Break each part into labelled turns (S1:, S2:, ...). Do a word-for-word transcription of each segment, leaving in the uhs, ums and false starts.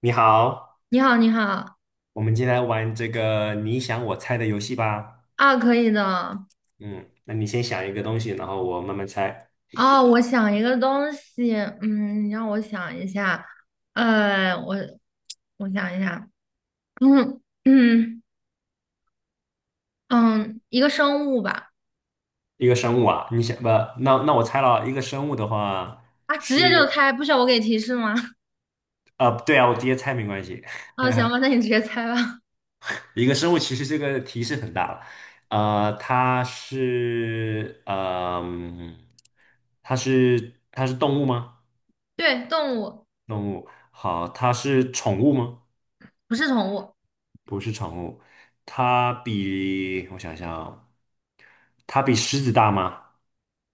S1: 你好，
S2: 你好，你好。
S1: 我们今天来玩这个你想我猜的游戏吧。
S2: 啊，可以的。
S1: 嗯，那你先想一个东西，然后我慢慢猜。
S2: 哦，我想一个东西，嗯，你让我想一下，呃，我我想一下，嗯嗯，嗯，一个生物吧。
S1: 一个生物啊，你想不？那那我猜了，一个生物的话
S2: 啊，直
S1: 是，
S2: 接就猜，不需要我给提示吗？
S1: 呃，对啊，我直接猜没关系。
S2: 啊，行吧，那你直接猜吧。
S1: 一个生物其实这个提示很大了，呃，它是，嗯、它是它是动物吗？
S2: 对，动物。
S1: 动物，好，它是宠物吗？
S2: 不是宠物。
S1: 不是宠物，它比我想想啊。它比狮子大吗？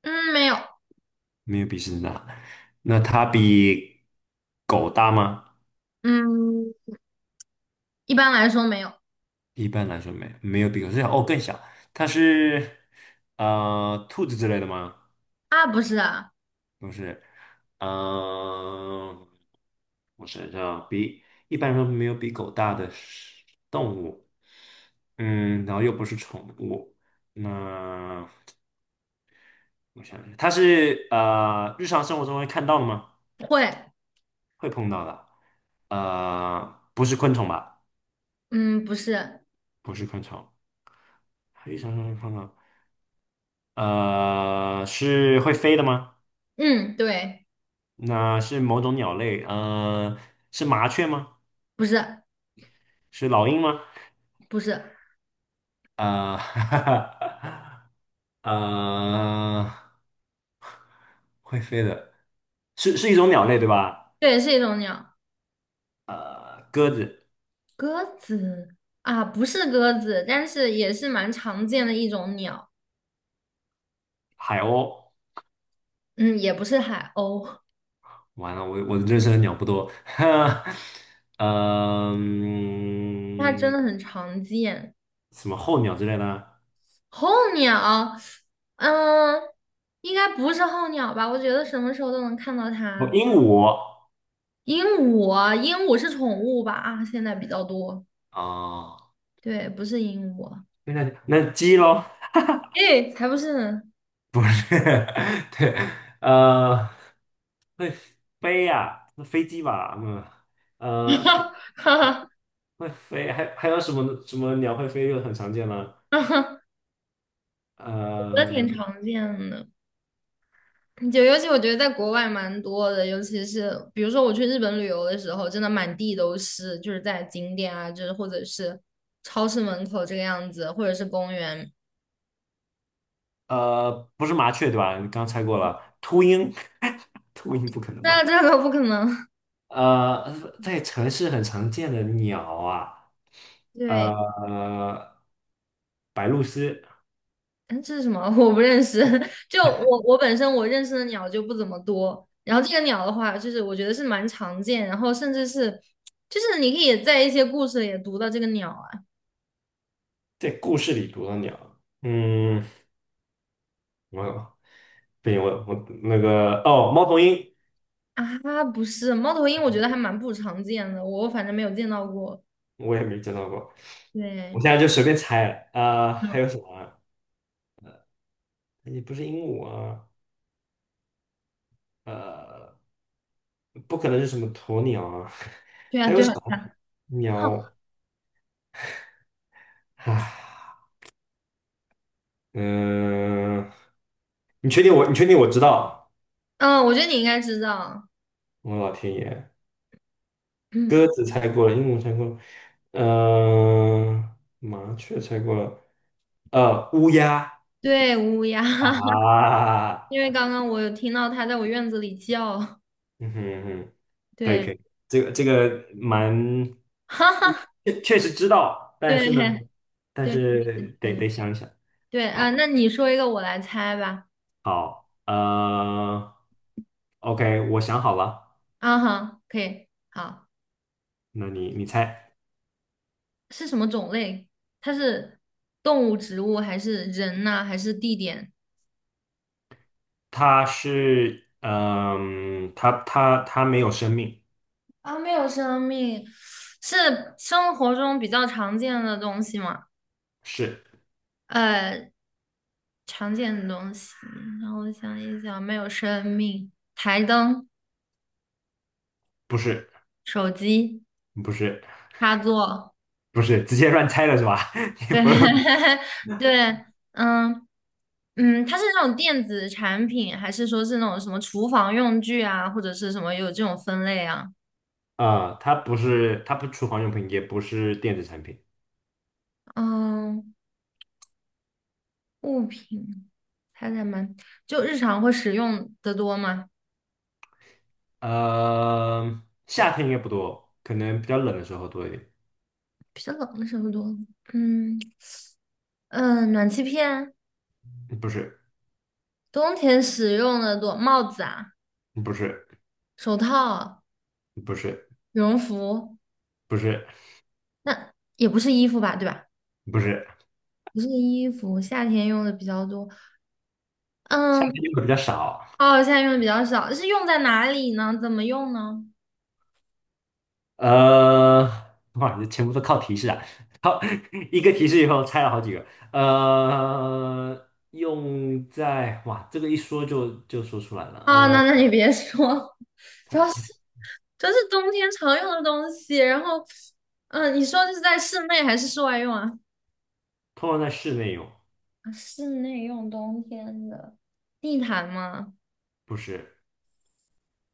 S2: 嗯，没有。
S1: 没有比狮子大。那它比狗大吗？
S2: 嗯，一般来说没有。
S1: 一般来说没有没有比狗小，哦，更小。它是呃兔子之类的吗？
S2: 啊，不是啊。
S1: 不是，嗯、呃我想想，比一般来说没有比狗大的是动物，嗯，然后又不是宠物，那我想想，它是呃日常生活中会看到的吗？
S2: 会。
S1: 会碰到的，呃，不是昆虫吧？
S2: 嗯，不是。
S1: 不是昆虫，黑山上上看到，呃，是会飞的吗？
S2: 嗯，对。
S1: 那是某种鸟类，呃，是麻雀吗？
S2: 不是。
S1: 是老鹰吗？
S2: 不是。
S1: 呃，呃，会飞的，是是一种鸟类对吧？
S2: 对，是一种鸟。
S1: 呃，鸽子、
S2: 鸽子啊，不是鸽子，但是也是蛮常见的一种鸟。
S1: 海鸥，
S2: 嗯，也不是海鸥。
S1: 完了，我我认识的鸟不多，
S2: 它真
S1: 嗯，
S2: 的很常见。
S1: 什么候鸟之类的，
S2: 候鸟，嗯，应该不是候鸟吧？我觉得什么时候都能看到
S1: 哦，
S2: 它。
S1: 鹦鹉，
S2: 鹦鹉，鹦鹉是宠物吧？啊，现在比较多。
S1: 啊，
S2: 对，不是鹦鹉。
S1: 那那鸡喽。
S2: 诶，才不是呢。
S1: 对，呃，飞呀、飞机吧，嗯，呃，
S2: 哈哈
S1: 会飞，还还有什么什么鸟会飞又很常见了，
S2: 哈哈哈。我觉得挺
S1: 呃
S2: 常见的。就尤其我觉得在国外蛮多的，尤其是比如说我去日本旅游的时候，真的满地都是，就是在景点啊，就是或者是超市门口这个样子，或者是公园。
S1: 呃，不是麻雀对吧？你刚猜过了，秃鹰，秃鹰不可能
S2: 那这
S1: 吧？
S2: 个不可能。
S1: 呃，在城市很常见的鸟啊，
S2: 对。
S1: 呃，白鹭鸶，
S2: 嗯，这是什么？我不认识。就我我本身我认识的鸟就不怎么多，然后这个鸟的话，就是我觉得是蛮常见，然后甚至是就是你可以在一些故事里也读到这个鸟啊。
S1: 在故事里读的鸟，嗯，我不行，我我那个哦，猫头鹰，
S2: 啊，不是猫头鹰，我觉得还蛮不常见的，我反正没有见到过。
S1: 我也没见到过。我
S2: 对。
S1: 现在就随便猜了，呃，
S2: 嗯。
S1: 还有什么啊哎也不是鹦鹉啊，呃，不可能是什么鸵鸟啊，
S2: 对 啊，
S1: 还有
S2: 对
S1: 什
S2: 啊，对
S1: 么
S2: 啊。哦。
S1: 鸟啊？嗯、你确定我？你确定我知道？
S2: 嗯，我觉得你应该知道。
S1: 我老天爷，鸽
S2: 嗯，
S1: 子猜过了，鹦鹉猜过了，呃，麻雀猜过了，呃，乌鸦
S2: 对，乌鸦。
S1: 啊，
S2: 因为刚刚我有听到它在我院子里叫。
S1: 嗯哼嗯哼。可以
S2: 对。
S1: 可以，这个这个蛮，
S2: 哈哈。
S1: 确确实知道，但
S2: 对。
S1: 是呢，但
S2: 对。
S1: 是得
S2: 嗯。
S1: 得想一想。
S2: 对啊，
S1: 好，
S2: 那你说一个，我来猜吧。
S1: 呃，OK，我想好了，
S2: 啊哈，可以，好。
S1: 那你你猜，
S2: 是什么种类？它是动物、植物，还是人呐、还是地点？
S1: 它是，嗯、它它它没有生命，
S2: 啊，没有生命，是生活中比较常见的东西吗？
S1: 是
S2: 呃，常见的东西，让我想一想，没有生命，台灯、
S1: 不是？
S2: 手机、
S1: 不是
S2: 插座。
S1: 不是，直接乱猜了是吧？你
S2: 对
S1: 不是
S2: 对。嗯，嗯，它是那种电子产品，还是说是那种什么厨房用具啊，或者是什么有这种分类啊？
S1: 啊、呃它不是，它不是厨房用品，也不是电子产品，
S2: 嗯，物品，猜猜嘛，就日常会使用的多吗？
S1: 呃，夏天应该不多，可能比较冷的时候多一点。
S2: 比较冷的时候多。嗯，嗯，呃暖气片，
S1: 不是，
S2: 冬天使用的多，帽子啊，
S1: 不是，
S2: 手套。
S1: 不是，
S2: 羽绒服
S1: 不是，
S2: 那也不是衣服吧，对吧？
S1: 不是，
S2: 不是衣服，夏天用的比较多。
S1: 夏
S2: 嗯。
S1: 天用的比较少。
S2: 哦，夏天用的比较少，是用在哪里呢？怎么用呢？
S1: 呃，哇，这全部都靠提示啊！好，一个提示以后拆了好几个。呃，用在，哇，这个一说就就说出来了。
S2: 啊，那
S1: 嗯、
S2: 那你别说。主要是这是冬天常用的东西。然后，嗯，你说这是在室内还是室外用啊？
S1: 通常在室内用，
S2: 啊，室内用冬天的地毯吗？
S1: 不是，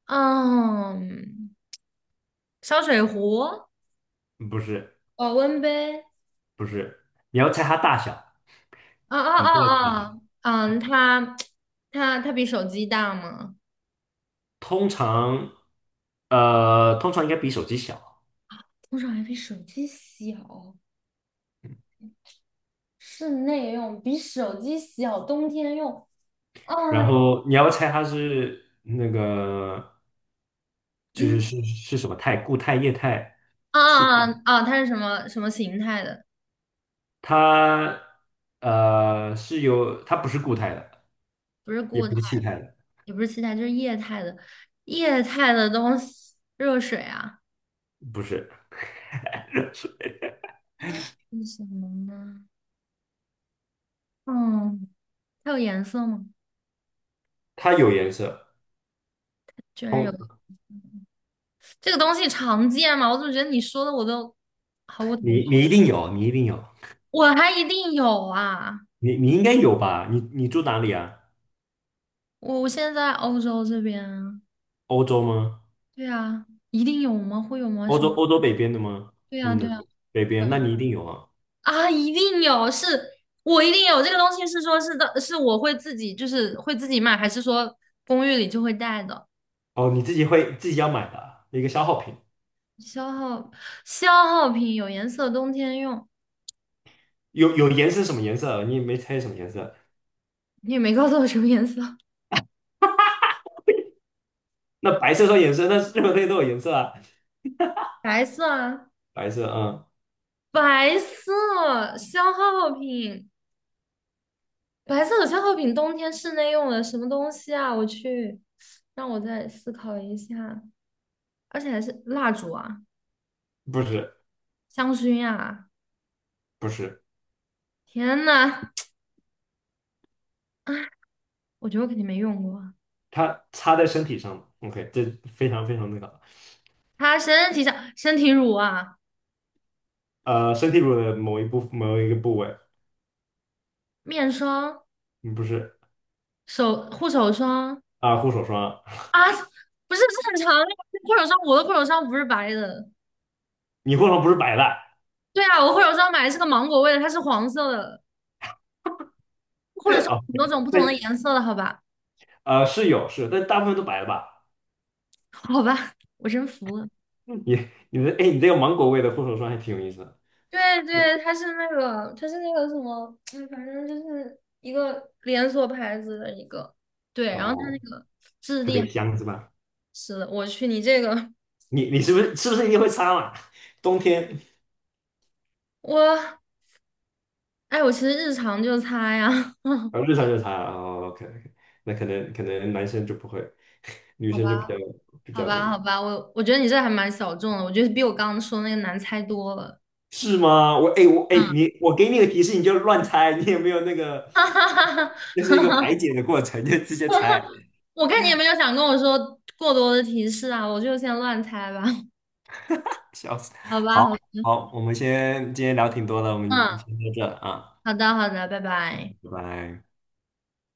S2: 嗯，烧水壶、
S1: 不是，
S2: 保温杯。
S1: 不是，你要猜它大小。
S2: 啊啊啊啊！嗯，它它它比手机大吗？
S1: 通常，呃，通常应该比手机小。
S2: 多少还比手机小，室内用比手机小，冬天用。哎，
S1: 然后你要猜它是那个。就是
S2: 嗯。
S1: 是是什么态？固态、液态、
S2: 啊
S1: 气态？
S2: 啊啊！它是什么什么形态的？
S1: 它呃是有，它不是固态的，
S2: 不是
S1: 也
S2: 固态
S1: 不是气
S2: 的，
S1: 态的，
S2: 也不是气态，就是液态的。液态的东西，热水啊。
S1: 不是，是
S2: 是什么呢？嗯，它有颜色吗？
S1: 它有颜色。
S2: 居然有。
S1: 通，
S2: 这个东西常见吗？我怎么觉得你说的我都毫无头
S1: 你
S2: 绪？
S1: 你一定有，你一定有，
S2: 我还一定有啊！
S1: 你你应该有吧？你你住哪里啊？
S2: 我我现在在欧洲这边啊。
S1: 欧洲吗？
S2: 对啊，一定有吗？会有吗？
S1: 欧
S2: 什
S1: 洲
S2: 么？
S1: 欧洲北边的吗？
S2: 对
S1: 还
S2: 呀，
S1: 是
S2: 对
S1: 南
S2: 呀，
S1: 边？北
S2: 对
S1: 边？那
S2: 呀。
S1: 你一定有啊。
S2: 啊，一定有，是我一定有这个东西，是说是的，是我会自己就是会自己买，还是说公寓里就会带的？
S1: 哦，你自己会自己要买的啊一个消耗品。
S2: 消耗，消耗品，有颜色，冬天用。
S1: 有有颜色是什么颜色啊？你也没猜什么颜色。
S2: 你也没告诉我什么颜色。
S1: 那白色说颜色，那任何东西都有颜色啊。
S2: 白色啊，
S1: 白色，嗯，
S2: 白色消耗品，白色的消耗品，冬天室内用的什么东西啊？我去，让我再思考一下，而且还是蜡烛啊，
S1: 不是
S2: 香薰啊，
S1: 不是。
S2: 天呐，我觉得我肯定没用过。
S1: 它擦在身体上了 OK，这非常非常那个，
S2: 擦身体上身体乳啊，
S1: 呃，身体乳的某一部某一个部位，
S2: 面霜、
S1: 嗯不是
S2: 手护手霜
S1: 啊，护手霜啊，
S2: 啊，不是正常长的护手霜，我的护手霜不是白的。
S1: 你护手霜不是白的
S2: 对啊，我护手霜买的是个芒果味的，它是黄色的，护手霜
S1: 啊？
S2: 有很多种不
S1: 那
S2: 同的颜色的，好吧？
S1: 呃，是有是但大部分都白的吧？
S2: 好吧，我真服了。
S1: 嗯你你的哎，你这个芒果味的护手霜还挺有意思的
S2: 对对，它是那个，它是那个什么，嗯，反正就是一个连锁牌子的一个，对，然后它那
S1: 哦，
S2: 个质
S1: 特
S2: 地
S1: 别
S2: 还
S1: 香是吧？
S2: 是的，我去，你这个
S1: 你你是不是是不是一定会擦嘛？冬天
S2: 我，哎，我其实日常就擦呀。
S1: 啊，日常就擦啊哦，OK OK，那可能可能男生就不会，女
S2: 好
S1: 生就比较
S2: 吧。
S1: 比
S2: 好
S1: 较这
S2: 吧，好
S1: 个。
S2: 吧，我我觉得你这还蛮小众的，我觉得比我刚刚说那个难猜多了。
S1: 是吗？我哎、我哎、
S2: 嗯。
S1: 你我给你个提示，你就乱猜，你有没有那个
S2: 哈哈哈
S1: 就
S2: 哈
S1: 是一个排
S2: 哈！
S1: 解的过程，就直接猜，
S2: 我看你也没有想跟我说过多的提示啊，我就先乱猜吧。
S1: 笑死。
S2: 好吧，
S1: 好，
S2: 好吧。
S1: 好，我们先今天聊挺多的，我们
S2: 嗯，
S1: 先到这啊，
S2: 好的，好的，拜拜。
S1: 拜拜。